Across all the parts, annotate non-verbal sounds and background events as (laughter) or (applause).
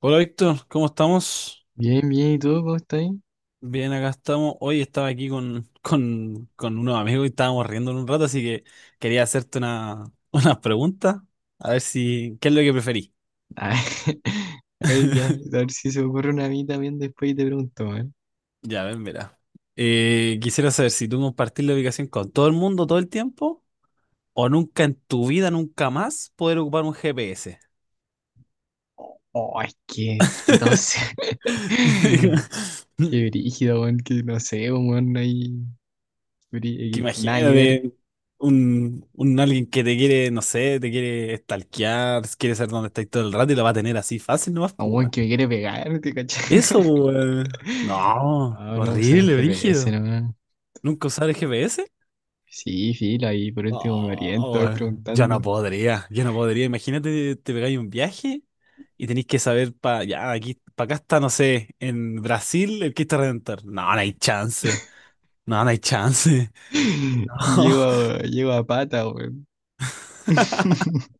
Hola Víctor, ¿cómo estamos? Bien, bien, ¿y tú cómo estás? Bien, acá estamos. Hoy estaba aquí con, (laughs) con unos amigos y estábamos riendo un rato, así que quería hacerte una, (laughs) una pregunta. A ver si, ¿qué es lo que preferís? Ay, (laughs) a ver, ya, a (laughs) ver si se me ocurre una a mí también después y te pregunto, ¿eh? Ya, ven, verá. Quisiera saber si tú compartís la ubicación con todo el mundo todo el tiempo o nunca en tu vida, nunca más poder ocupar un GPS. Oh, es que tos. (laughs) (laughs) Qué brígido, weón, que no sé, pues, weón, no hay Que brí- nada que ver. imagínate un alguien que te quiere, no sé, te quiere stalkear, quiere saber dónde estáis todo el rato y lo va a tener así fácil nomás, A un pues, weón weón. que me quiere pegar, ¿te cachai? (laughs) Eso, weón. No, No, no usaron horrible, GPS, brígido. no. ¿Nunca usar el GPS? Sí, filo, ahí por último me oriento, No, voy weón. Yo no preguntando. podría, yo no podría. Imagínate, te pegáis un viaje y tenéis que saber para ya, aquí, para acá está, no sé, en Brasil el Cristo Redentor. No, no hay chance. No, no hay chance. (laughs) (laughs) No. Llego a, llego a pata, weón. (laughs)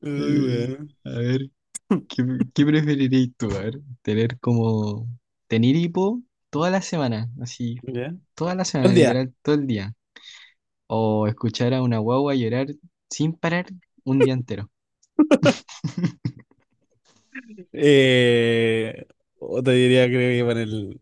Uy, Eh, weón. A ver. (laughs) ¿Qué, qué preferirías tú, a ver? Tener como, tener hipo toda la semana, así, ¿Ya? toda la semana, ¿Cuál día? literal, todo el día. O escuchar a una guagua llorar sin parar un día entero. Eh, o te diría, creo que para el.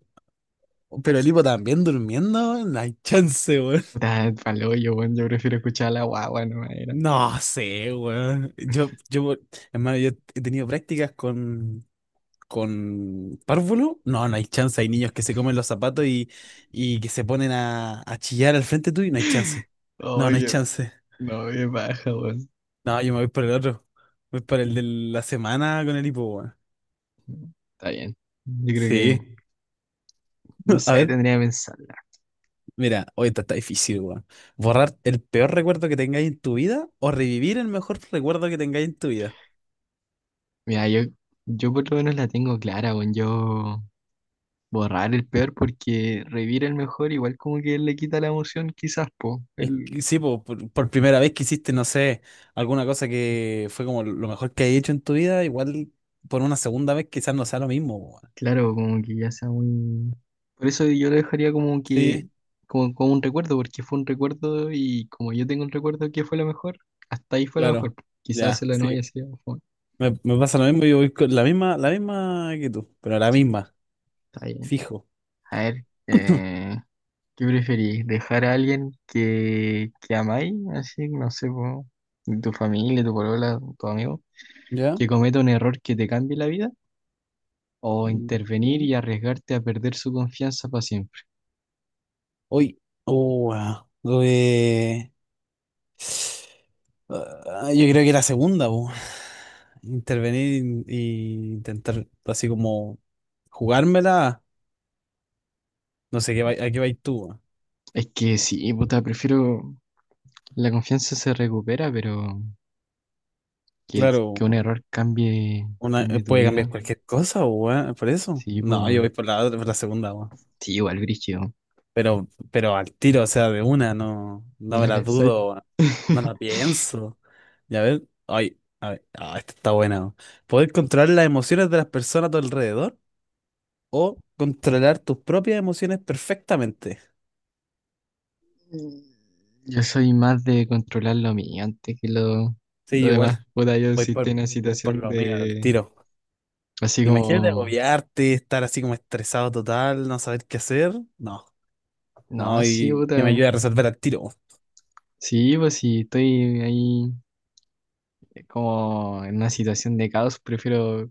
Pero el hipo también durmiendo, no hay chance, weón. Puta, palo, yo, weón, yo prefiero escuchar a la guagua, no era. No sé, weón. Hermano, yo he tenido prácticas con párvulo. No, no hay chance. Hay niños que se comen los zapatos y que se ponen a chillar al frente tuyo y no hay (laughs) chance. No, no hay Oye, chance. no me baja, weón. No, yo me voy por el otro. Voy por el de la semana con el hipo, weón. Está bien. Yo creo Sí. que, no (laughs) A sé, ver. tendría que pensarla. Mira, hoy está, está difícil, weón. ¿Borrar el peor recuerdo que tengáis en tu vida o revivir el mejor recuerdo que tengáis en tu vida? Mira, yo por lo menos la tengo clara, weón. Yo borrar el peor porque revivir el mejor igual como que le quita la emoción quizás, po. Es El que sí, po, por primera vez que hiciste, no sé, alguna cosa que fue como lo mejor que has hecho en tu vida, igual por una segunda vez quizás no sea lo mismo, weón. claro, como que ya sea muy. Por eso yo lo dejaría como que, Sí, como, como un recuerdo, porque fue un recuerdo y como yo tengo un recuerdo que fue lo mejor, hasta ahí fue lo mejor. claro. Quizás Ya, se lo no haya sí. sido. Fue Me pasa lo mismo, yo voy con la misma que tú, pero la sí, misma, está bien. fijo. A ver, (clears throat) ¿qué preferís? ¿Dejar a alguien que amáis? Así, no sé, po, tu familia, tu polola, tu amigo, ¿Ya? que cometa un error que te cambie la vida, o Mm, ¿ya? intervenir y arriesgarte a perder su confianza para siempre. Hoy, oh, weón. Ah, yo creo que la segunda, po. Intervenir y intentar así como jugármela. No sé, ¿qué vai- ¿a qué vais tú, weón? Es que sí, puta, prefiero. La confianza se recupera, pero Claro, que un error cambie, una, cambie tu puede vida. cambiar cualquier cosa, weón, por eso. Sí, pues, No, yo bueno. voy por la, otra- por la segunda, weón. Sí, igual, brígido. Pero al tiro, o sea, de una, no, Ni no me la la pensáis. dudo, weón. No la (laughs) pienso. Ya ver, ay, a ver, ah, esta está buena, weón. Poder controlar las emociones de las personas a tu alrededor o controlar tus propias emociones perfectamente. Yo soy más de controlar lo mío antes que Sí, lo yo igual. demás. Puta, yo Voy sí estoy por, en una voy por situación lo mío, al de. tiro. Así Imagínate como. agobiarte, estar así como estresado total, no saber qué hacer. No, No, no, sí, y puta. que me ayude a resolver al tiro. Sí, pues sí, estoy ahí. Es como en una situación de caos, prefiero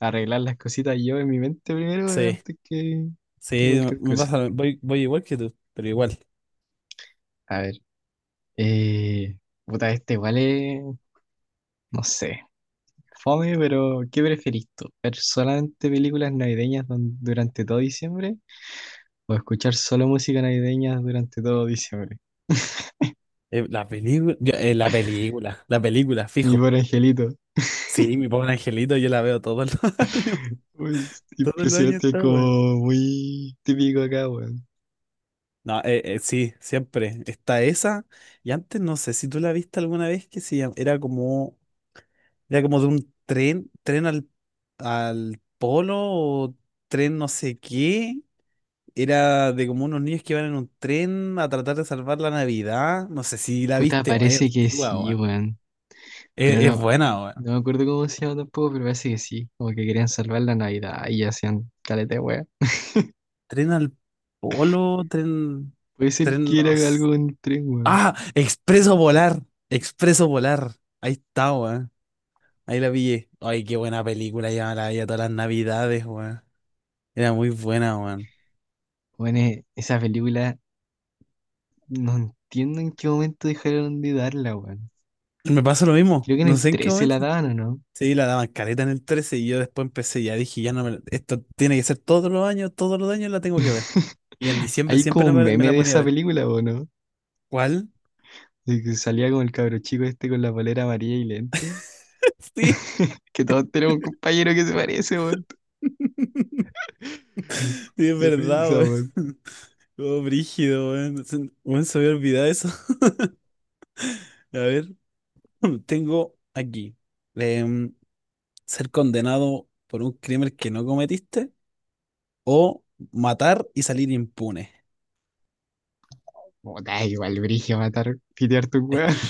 arreglar las cositas yo en mi mente primero, Sí, antes que sí, cualquier me cosa. pasa, lo- voy, voy igual que tú, pero igual. A ver, eh, puta, este igual es, no sé, fome, pero ¿qué preferís tú? ¿Ver solamente películas navideñas durante todo diciembre, o escuchar solo música navideña durante todo diciembre? La película, yo- la película, Mi fijo. buen angelito. Sí, mi pobre angelito, yo la veo todos los (laughs) años. (laughs) Uy, Todos los años impresionante, está, weón. (laughs) como muy típico acá, weón. No, sí, siempre. Está esa. Y antes no sé si tú la viste alguna vez que se llam- era como de un tren, tren al, al polo o tren no sé qué. Era de como unos niños que iban en un tren a tratar de salvar la Navidad. No sé si la Puta, viste, weón. Es parece que antigua, sí, weón. weón. Pero Es no, mm, buena, weón. no me acuerdo cómo se llama tampoco, pero parece que sí. Como que querían salvar la Navidad y hacían caleta de wea. Tren al polo, tren, Puede ser tren no que era sé. algo en el tren, weón. Ah, Expreso Polar. Expreso Polar. Ahí está, weón. Ahí la pillé. Ay, qué buena película, ya me la veía todas las navidades, weón. Era muy buena, weón. Bueno, esa película, no entiendo en qué momento dejaron de darla, weón. Me pasa lo mismo, Creo que en no el sé en qué 13 momento. la daban, ¿o no? Sí, la daban caleta en el 13 y yo después empecé, ya dije, ya no me la- esto tiene que ser todos los años la tengo que ver. Y en (laughs) diciembre Hay como siempre un me meme la de ponía a esa ver. película, ¿o no? ¿Cuál? De que salía como el cabro chico este con la polera amarilla y lente. (laughs) Sí, Que todos tenemos un compañero que se parece, weón. (laughs) sí, es Qué verdad, risa, weón. weón. (laughs) Todo brígido, weón. Se weón, se me había olvidado eso. (laughs) A ver, (laughs) tengo aquí. em, ser condenado por un crimen que no cometiste o matar y salir impune. Puta, igual brillo matar, pitear tu Es weón. que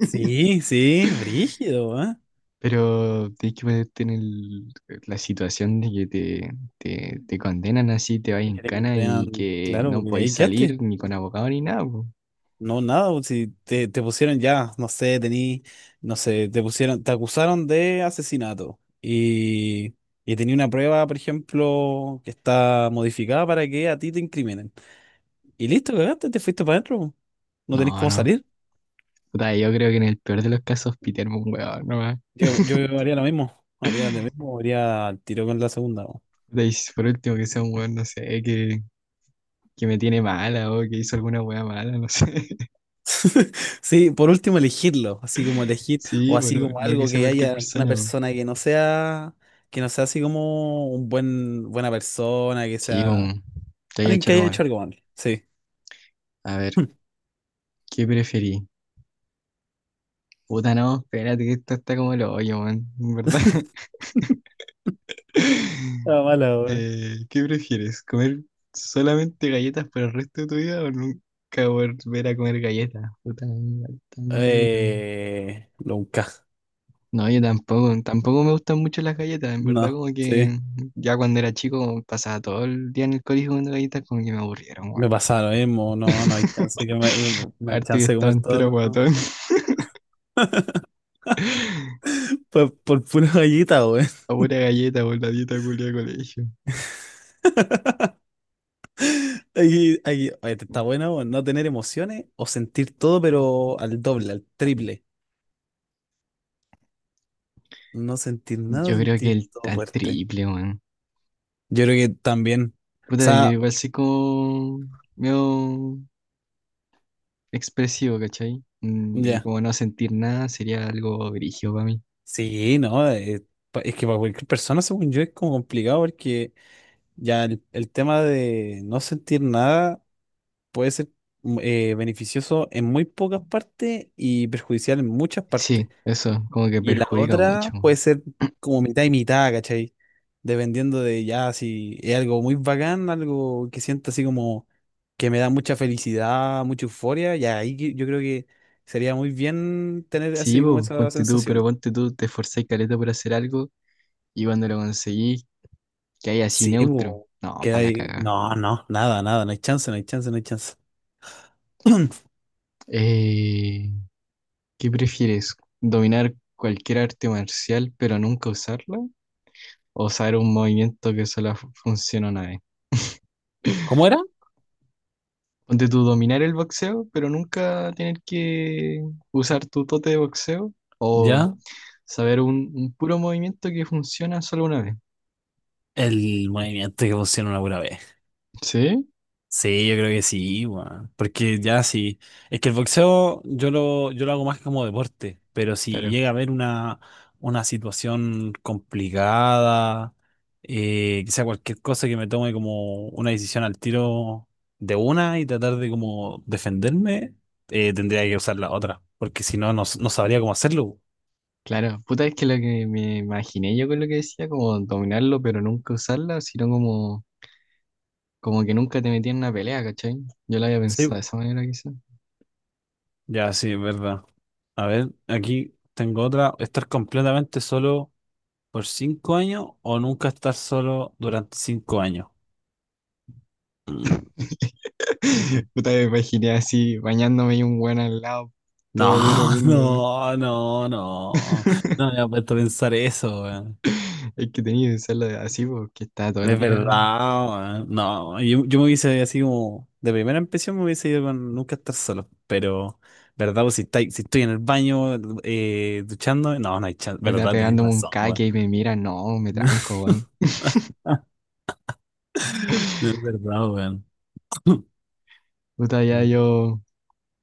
sí, sí, brígido, ¿eh? Pero tienes que ponerte en el la situación de que te, te condenan así, te vas Es en que te cana condenan, y que claro, no y podéis ahí quedaste. salir ni con abogado ni nada, po. No, nada, pues, si te, te pusieron ya, no sé, tení, no sé, te pusieron, te acusaron de asesinato y tenía una prueba, por ejemplo, que está modificada para que a ti te incriminen. Y listo, cagaste, te fuiste para adentro, pues. No tenés No, cómo no. salir. Puta, yo creo que en el peor de los casos, pitearme un weón nomás. Yo haría lo mismo, haría lo mismo, haría al tiro con la segunda, pues. Puta, y si por último que sea un weón, no sé, que me tiene mala o que hizo alguna weá mala, no sé. (laughs) (laughs) Sí, por último elegirlo, así como elegir, o Sí, así bueno, como no, no que algo sea que cualquier haya una persona, po. persona que no sea así como un buen, buena persona, que Sí, sea un, te haya alguien hecho que algo haya malo. hecho algo mal. Sí. A ver, ¿qué preferí? Puta, no, espérate que esto está como el hoyo, man, en verdad. Ah, (laughs) mala, weón. ¿Qué prefieres? ¿Comer solamente galletas por el resto de tu vida o nunca volver a comer galletas? Puta, igual está como el Nunca. no, yo tampoco, tampoco me gustan mucho las galletas, en verdad, No, como sí. que ya cuando era chico, como pasaba todo el día en el colegio comiendo galletas, como que me aburrieron, weón. Me pasa lo mismo, no, no hay chance que me- no hay Harto que chance de estaba comer todo entero lo- no. guatón, (laughs) Por pura gallita, güey. a pura galleta por la dieta culia de colegio. Ahí- ahí- oye, ¿te está bueno, weón? No tener emociones o sentir todo, pero al doble, al triple. No sentir nada, Yo creo que sentir el, todo al fuerte. triple, weón. Yo creo que también. O Puta, yo sea, igual soy como medio expresivo, ¿cachai? Mm, y ya. como no sentir nada sería algo brígido para mí. Sí, no, pa- es que para cualquier persona, según yo, es como complicado porque ya el tema de no sentir nada puede ser beneficioso en muy pocas partes y perjudicial en muchas Sí, partes. eso, como que Y la perjudica mucho. otra puede ser como mitad y mitad, ¿cachai? Dependiendo de ya si es algo muy bacán, algo que siento así como que me da mucha felicidad, mucha euforia, y ahí que- yo creo que sería muy bien tener Sí, así como po, esa ponte tú, pero sensación. ponte tú, te esforzás caleta por hacer algo y cuando lo conseguís, que hay así Sí, neutro. bo, No, que para la hay... cagada. No, no, nada, nada, no hay chance, no hay chance, no hay chance. (clears throat) Eh, ¿Qué prefieres? ¿Dominar cualquier arte marcial pero nunca usarla? ¿O saber un movimiento que solo funciona una vez? ¿Cómo era? Ponte tú, dominar el boxeo pero nunca tener que usar tu tote de boxeo. O Ya, saber un puro movimiento que funciona solo una vez. el movimiento que funciona una pura vez. ¿Sí? Sí, yo creo que sí, weón. Porque ya sí. Es que el boxeo yo lo hago más como deporte, pero si Claro, llega a haber una situación complicada, quizá cualquier cosa que me tome como una decisión al tiro de una y tratar de como defenderme, tendría que usar la otra, porque si no, no, s- no sabría cómo hacerlo. claro. Puta, es que lo que me imaginé yo con lo que decía, como dominarlo, pero nunca usarla, sino como, como que nunca te metían en una pelea, ¿cachai? Yo lo había pensado de Sí, esa manera, quizás. ya sí, es verdad. A ver, aquí tengo otra. Estar completamente solo ¿por 5 años o nunca estar solo durante 5 años? Mm, (laughs) (laughs) Puta, me imaginé así, bañándome y un buen al lado, no, todo duro viendo. no, no, no. No me (laughs) había puesto a pensar eso, weón. Es que tenía que usarlo así, porque estaba todo el Es día, verdad, weón. No, yo me hubiese así como. De primera impresión me hubiese ido con nunca estar solo. Pero, ¿verdad? Pues si, estáis- si estoy en el baño duchando, no, no hay chance. puta, ¿Verdad? Tenéis pegándome un razón, weón. caque y me mira, no, me tranco, (laughs) weón. No, es verdad, weón. (clears throat) Puta, ya yo.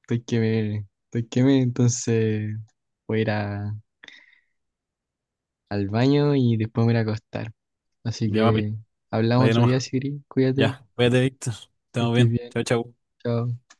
Estoy que me, entonces voy a ir al baño y después me voy a ir a acostar. Así Ya, papi. que hablamos Vaya otro día, nomás. Siri. Cuídate, Ya, cuídate, Víctor. que Estamos estés bien. bien. Chao, chao. Chao.